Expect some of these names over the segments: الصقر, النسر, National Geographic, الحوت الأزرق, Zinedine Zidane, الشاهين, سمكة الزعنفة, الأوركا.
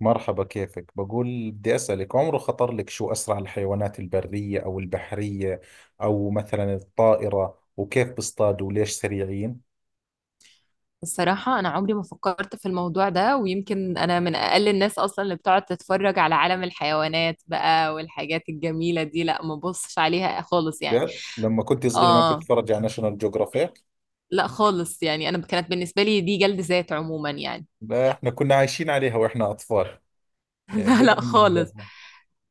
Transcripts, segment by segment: مرحبا، كيفك؟ بقول بدي أسألك، عمره خطر لك شو أسرع الحيوانات، البرية أو البحرية أو مثلا الطائرة، وكيف بيصطادوا وليش سريعين؟ الصراحة أنا عمري ما فكرت في الموضوع ده، ويمكن أنا من أقل الناس أصلا اللي بتقعد تتفرج على عالم الحيوانات بقى، والحاجات الجميلة دي، لا ما ببصش عليها خالص يعني. جد لما كنت صغيرة ما كنت آه. أتفرج على ناشونال جيوغرافيك؟ لا خالص يعني، أنا كانت بالنسبة لي دي جلد ذات عموما يعني. لا، إحنا كنا عايشين عليها وإحنا أطفال، يعني لا لا دائما خالص. نحضرها.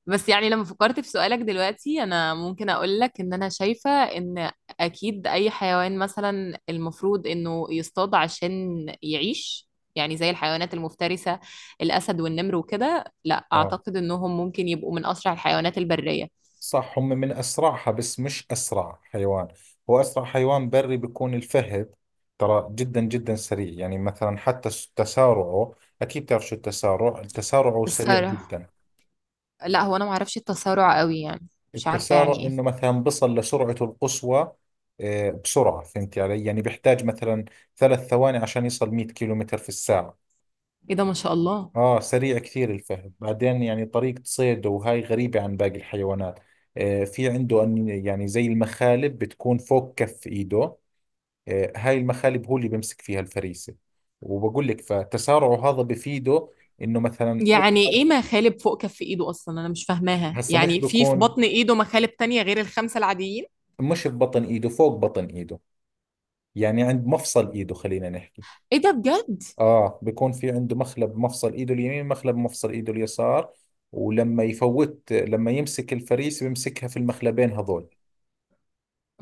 بس يعني لما فكرت في سؤالك دلوقتي، انا ممكن اقول لك ان انا شايفة ان اكيد اي حيوان مثلا المفروض انه يصطاد عشان يعيش، يعني زي الحيوانات المفترسة، الاسد والنمر وكده، لا آه، اعتقد انهم ممكن يبقوا من اسرع الحيوانات البرية. صح، هم من أسرعها بس مش أسرع حيوان. هو أسرع حيوان بري بيكون الفهد. ترى جدا جدا سريع، يعني مثلا حتى تسارعه، أكيد بتعرف شو التسارع، التسارع سريع الصراحة جدا. لا، هو انا معرفش التسارع قوي يعني. مش عارفة التسارع يعني انه ايه. مثلا بصل لسرعته القصوى. بسرعة فهمت علي، يعني بيحتاج مثلا ثلاث ثواني عشان يصل 100 كيلومتر في الساعة. ايه ده ما شاء الله. اه، سريع كثير الفهد. بعدين، يعني طريقة صيده وهاي غريبة عن باقي الحيوانات. في عنده أن، يعني زي المخالب بتكون فوق كف ايده. هاي المخالب هو اللي بيمسك فيها الفريسة. وبقول لك، فتسارعه هذا بفيده انه مثلا أو، يعني ايه مخالب فوق كف ايده؟ اصلا انا مش فاهماها هسه مش يعني، في بكون، بطن ايده مخالب تانية غير الخمسة العاديين؟ مش ببطن ايده، فوق بطن ايده، يعني عند مفصل ايده، خلينا نحكي. ايه ده بجد. اه، بيكون في عنده مخلب مفصل ايده اليمين، مخلب مفصل ايده اليسار. ولما يفوت، لما يمسك الفريسة بيمسكها في المخلبين هذول.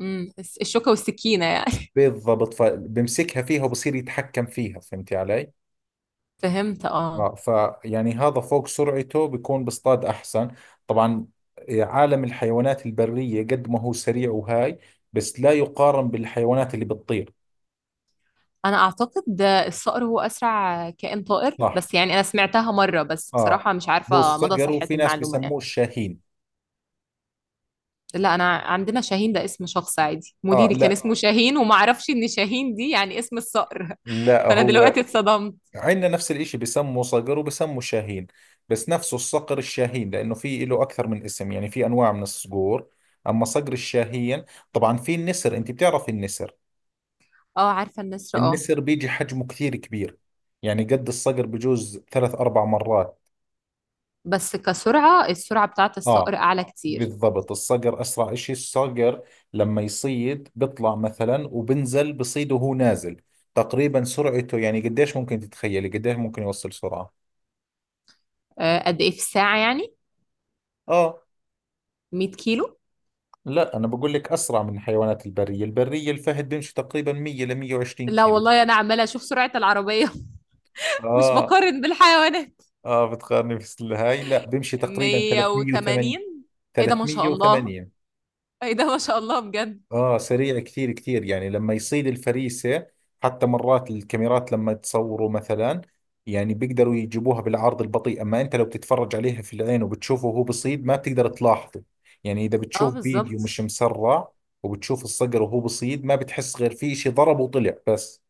امم. الشوكة والسكينة يعني. بالضبط، فبمسكها فيها وبصير يتحكم فيها، فهمتي علي؟ فهمت اه. اه، فيعني هذا فوق سرعته بيكون بصطاد احسن. طبعا، عالم الحيوانات البرية قد ما هو سريع وهاي، بس لا يقارن بالحيوانات اللي بتطير. انا اعتقد ده الصقر هو اسرع كائن طائر، صح، بس يعني انا سمعتها مرة، بس اه، بصراحة مش هو عارفة مدى الصقر، صحة وفي ناس المعلومة بيسموه يعني. الشاهين. لا انا عندنا شاهين ده اسم شخص عادي، اه، مديري كان لا، اسمه شاهين، وما اعرفش ان شاهين دي يعني اسم الصقر. فانا هو دلوقتي اتصدمت. عندنا نفس الاشي، بسموا صقر وبسموا شاهين، بس نفسه الصقر الشاهين، لانه في له اكثر من اسم، يعني في انواع من الصقور، اما صقر الشاهين. طبعا في النسر، انت بتعرف النسر، اه عارفة النسر اه. النسر بيجي حجمه كثير كبير، يعني قد الصقر بجوز ثلاث اربع مرات. بس كسرعة، السرعة بتاعت الصقر اه، اعلى كتير. بالضبط الصقر اسرع اشي. الصقر لما يصيد بيطلع مثلا، وبنزل بصيد وهو نازل. تقريبا سرعته، يعني قديش ممكن تتخيلي قديش ممكن يوصل سرعة؟ قد ايه في الساعة يعني؟ اه، 100 كيلو؟ لا أنا بقول لك أسرع من الحيوانات البرية. البرية الفهد بيمشي تقريبا 100 ل 120 لا كيلو. والله انا عمالة اشوف سرعة العربية. مش آه، بقارن بالحيوانات. آه بتقارني في الهاي، لا، بيمشي تقريبا 308. 180؟ ايه ده ما شاء الله. 308، ايه ده ما شاء الله بجد. آه، سريع كثير كثير. يعني لما يصيد الفريسة، حتى مرات الكاميرات لما تصوروا مثلا، يعني بيقدروا يجيبوها بالعرض البطيء، أما أنت لو بتتفرج عليها في العين وبتشوفه وهو بصيد ما بتقدر تلاحظه. يعني إذا اه بتشوف فيديو بالظبط. مش مسرع وبتشوف الصقر وهو بصيد، ما بتحس غير في شيء ضرب وطلع بس.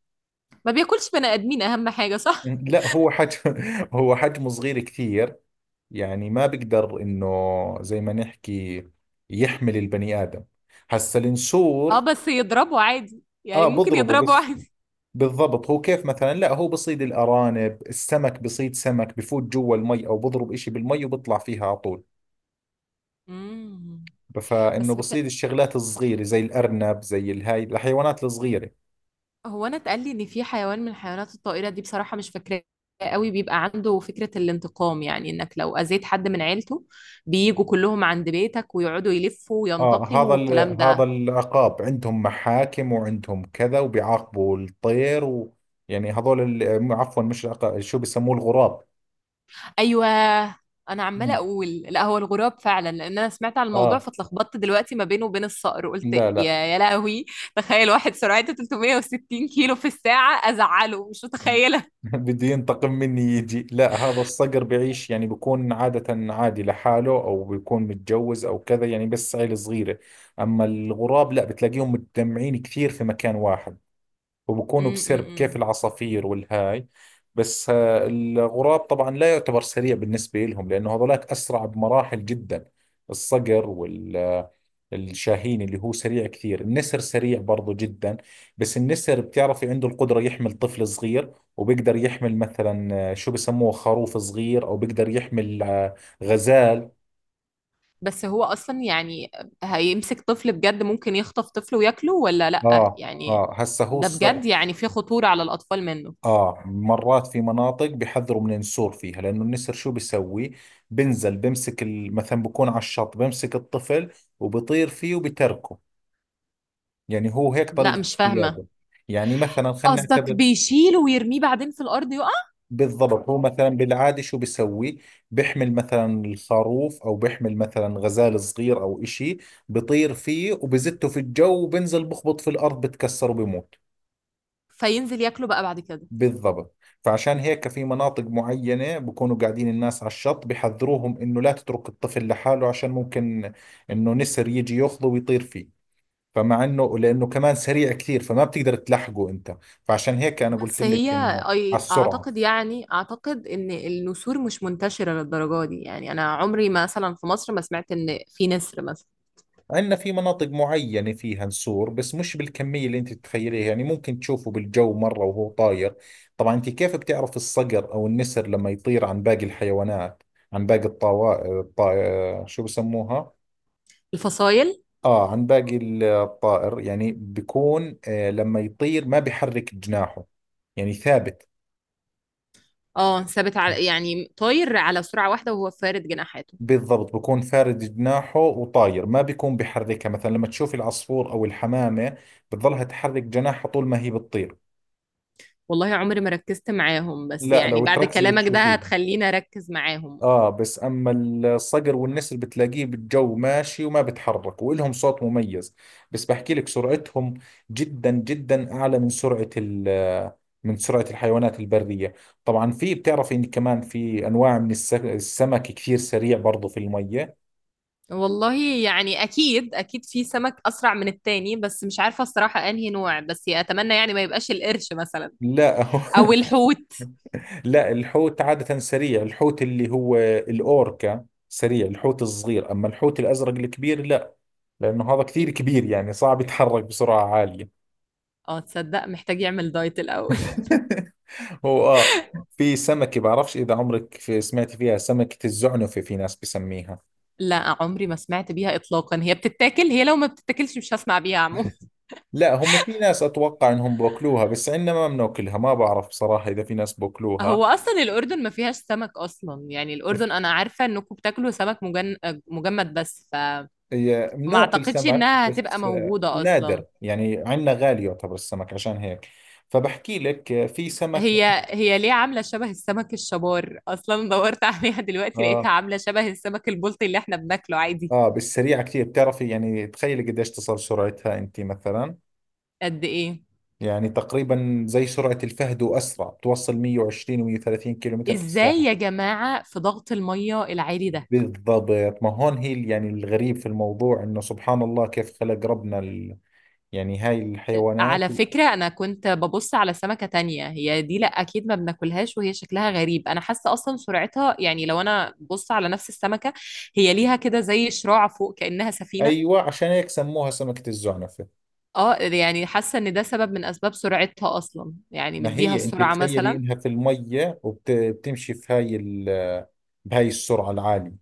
ما بياكلش بني ادمين اهم حاجه، صح؟ لا، هو حجم، هو حجمه صغير كثير، يعني ما بقدر انه زي ما نحكي يحمل البني ادم. هسا اه النسور، بس يضربه عادي، يعني اه، ممكن بضربه يضربه بس. عادي. بالضبط، هو كيف مثلا، لا هو بصيد الارانب، السمك، بصيد سمك، بفوت جوا المي او بضرب اشي بالمي وبطلع فيها على طول. امم. فانه بس بصيد بت... الشغلات الصغيرة، زي الارنب، زي الهاي الحيوانات الصغيرة. هو انا اتقال لي ان في حيوان من الحيوانات الطائره دي، بصراحه مش فاكراه قوي، بيبقى عنده فكره الانتقام، يعني انك لو اذيت حد من عيلته بييجوا كلهم عند بيتك ويقعدوا يلفوا آه وينتقموا هذا ال... والكلام هذا ده. العقاب، عندهم محاكم وعندهم كذا وبيعاقبوا الطير يعني عفوا، مش العقاب، شو بيسموه؟ الغراب. ايوه. انا عماله مم. اقول لا هو الغراب فعلا، لان انا سمعت عن الموضوع، آه، فاتلخبطت دلوقتي ما بينه وبين الصقر، قلت لا، يا يا لهوي، تخيل واحد سرعته 360 كيلو في الساعه ازعله، مش متخيله. بده ينتقم مني يجي؟ لا، هذا الصقر بيعيش يعني بيكون عادة عادي لحاله، أو بيكون متجوز أو كذا يعني، بس عيلة صغيرة. أما الغراب لا، بتلاقيهم متجمعين كثير في مكان واحد، وبكونوا بسرب امم. كيف العصافير والهاي. بس الغراب طبعا لا يعتبر سريع بالنسبة لهم، لأنه هذولاك أسرع بمراحل جدا، الصقر والشاهين اللي هو سريع كثير. النسر سريع برضو جدا، بس النسر بتعرفي عنده القدرة يحمل طفل صغير، وبيقدر يحمل مثلا شو بسموه، خروف صغير، أو بيقدر يحمل غزال. بس هو اصلا يعني هيمسك طفل بجد؟ ممكن يخطف طفل وياكله ولا لا آه، يعني؟ آه هسه هو ده الص- بجد يعني في خطوره على الاطفال منه؟ آه، مرات في مناطق بيحذروا من النسور فيها، لأنه النسر شو بيسوي، بنزل بمسك مثلا بكون على الشط، بمسك الطفل وبطير فيه وبتركه. يعني هو هيك لا طريقة مش فاهمه. الصيادة. يعني مثلا، خلينا قصدك نعتبر، بيشيله ويرميه بعدين في الارض يقع؟ بالضبط، هو مثلا بالعادة شو بيسوي، بيحمل مثلا الخروف، أو بيحمل مثلا غزال صغير أو إشي، بطير فيه وبزته في الجو وبنزل بخبط في الأرض بتكسر وبموت. فينزل ياكله بقى بعد كده. بالضبط، فعشان هيك في مناطق معينة بكونوا قاعدين الناس على الشط، بحذروهم انه لا تترك الطفل لحاله، عشان ممكن انه نسر يجي ياخذه ويطير فيه. فمع انه، لانه كمان سريع كثير، فما بتقدر تلحقه انت. فعشان هيك انا قلت بس هي، لك انه على أي اعتقد السرعة. يعني اعتقد ان النسور مش منتشره للدرجه دي يعني، انا عمري ما مثلا في مصر ما سمعت ان في نسر مثلا. عندنا في مناطق معينة فيها نسور، بس مش بالكمية اللي انت تتخيليها، يعني ممكن تشوفه بالجو مرة وهو طاير. طبعا انت كيف بتعرف الصقر او النسر لما يطير عن باقي الحيوانات، عن باقي شو بسموها؟ الفصايل. عن باقي الطائر، يعني بيكون، لما يطير ما بيحرك جناحه، يعني ثابت. اه ثابت على، يعني طاير على سرعه واحده وهو فارد جناحاته. بالضبط، بكون فارد جناحه وطاير، ما بيكون بيحركها. مثلا لما تشوف العصفور أو الحمامة بتظلها تحرك جناحها طول ما هي بتطير. والله عمري ما ركزت معاهم، بس لا، يعني لو بعد تركزي كلامك ده بتشوفيه. هتخليني اركز معاهم اه. اه، بس اما الصقر والنسر بتلاقيه بالجو ماشي وما بتحرك، والهم صوت مميز. بس بحكي لك، سرعتهم جدا جدا اعلى من سرعة من سرعة الحيوانات البرية. طبعا في، بتعرفي ان كمان في انواع من السمك كثير سريع برضو في المية. والله يعني اكيد اكيد في سمك اسرع من التاني، بس مش عارفه الصراحه انهي نوع، بس اتمنى يعني ما يبقاش القرش مثلا لا، هو، او الحوت. لا، الحوت عادة سريع، الحوت اللي هو الاوركا سريع، الحوت الصغير. اما الحوت الازرق الكبير لا، لانه هذا كثير كبير، يعني صعب يتحرك بسرعة عالية. اه تصدق محتاج يعمل دايت الاول. هو، اه، في سمكة بعرفش إذا عمرك في سمعت فيها، سمكة الزعنفة، في ناس بسميها. لا عمري ما سمعت بيها إطلاقا. هي بتتاكل؟ هي لو ما بتتاكلش مش هسمع بيها عموما. لا، هم في ناس أتوقع إنهم بأكلوها، بس عندنا ما بناكلها، ما بعرف بصراحة إذا في ناس بأكلوها. هو أصلا الأردن ما فيهاش سمك أصلا يعني، ف- الأردن أنا عارفة إنكم بتاكلوا سمك مجمد، فما بناكل أعتقدش سمك إنها هتبقى بس موجودة أصلا. نادر، يعني عندنا غالي يعتبر السمك عشان هيك. فبحكي لك في سمكة، هي ليه عاملة شبه السمك الشبار؟ أصلا دورت عليها دلوقتي، لقيتها آه، عاملة شبه السمك البلطي اللي إحنا بناكله عادي. بالسريعة كثير، بتعرفي، يعني تخيلي قديش تصل سرعتها أنت مثلا؟ قد إيه؟ يعني تقريبا زي سرعة الفهد وأسرع، بتوصل 120 و130 كيلو متر في إزاي الساعة. يا جماعة في ضغط المية العالي ده؟ بالضبط، ما هون هي يعني الغريب في الموضوع انه سبحان الله كيف خلق ربنا يعني هاي الحيوانات. على فكرة أنا كنت ببص على سمكة تانية، هي دي لأ أكيد ما بناكلهاش، وهي شكلها غريب أنا حاسة أصلا سرعتها، يعني لو أنا بص على نفس السمكة، هي ليها كده زي شراع فوق كأنها سفينة. ايوه، عشان هيك سموها سمكة الزعنفة. اه يعني حاسة إن ده سبب من أسباب سرعتها أصلا، يعني ما مديها هي انت السرعة تخيلي مثلا. انها في المية وبتمشي في بهاي السرعة العالية.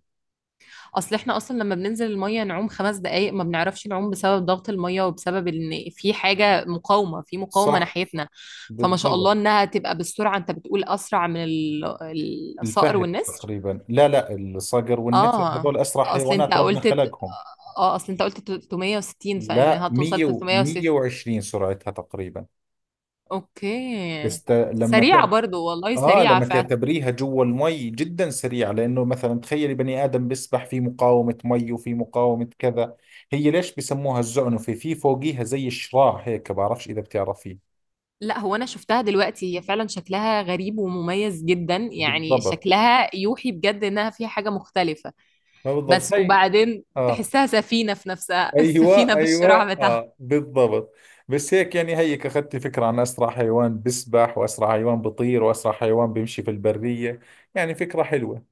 أصل إحنا أصلا لما بننزل المية نعوم 5 دقايق ما بنعرفش نعوم، بسبب ضغط المية وبسبب إن في حاجة مقاومة، في مقاومة صح، ناحيتنا. فما شاء الله بالضبط. إنها تبقى بالسرعة أنت بتقول أسرع من الصقر الفهد والنسر. تقريبا، لا، الصقر والنسر اه هذول اسرع اصل انت حيوانات ربنا قلت خلقهم. اه اصل انت قلت 360، لا، فانها توصل 100 و 360. 120 سرعتها تقريبا. اوكي. بس ت... لما سريعة ت... برضو والله، اه، سريعة لما فعلا. تعتبريها جوا المي جدا سريع، لانه مثلا تخيلي بني ادم بيسبح في مقاومه مي وفي مقاومه كذا. هي ليش بسموها الزعنفه، في فوقيها زي الشراع هيك، بعرفش اذا بتعرفيه. لا هو انا شفتها دلوقتي، هي فعلا شكلها غريب ومميز جدا، يعني بالضبط، شكلها يوحي بجد انها فيها حاجة مختلفة. ما بس بالضبط هي، وبعدين اه، تحسها سفينة في نفسها. ايوه، السفينة بالشراع. اه، بالضبط. بس هيك، يعني هيك اخذت فكره عن اسرع حيوان بيسبح، واسرع حيوان بيطير، واسرع حيوان بيمشي في البريه. يعني فكره حلوه.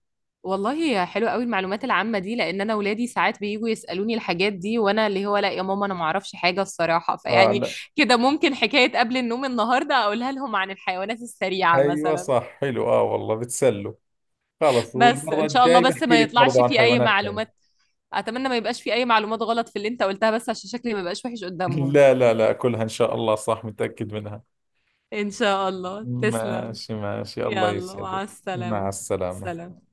والله حلوة قوي المعلومات العامة دي، لأن أنا ولادي ساعات بييجوا يسألوني الحاجات دي، وأنا اللي هو لا يا ماما أنا معرفش حاجة الصراحة اه، فيعني لا، كده ممكن حكاية قبل النوم النهاردة أقولها لهم عن الحيوانات السريعة ايوه، مثلا. صح، حلو، اه، والله بتسلوا. خلص، بس والمرة إن شاء الله الجاي بس بحكي ما لك يطلعش برضه عن في أي حيوانات معلومات، ثانية. أتمنى ما يبقاش في أي معلومات غلط في اللي أنت قلتها، بس عشان شكلي ما يبقاش وحش قدامهم. لا لا لا، كلها إن شاء الله صح، متأكد منها. إن شاء الله تسلم. ماشي ماشي، الله يلا مع يسعدك. مع السلامة. السلامة. سلام.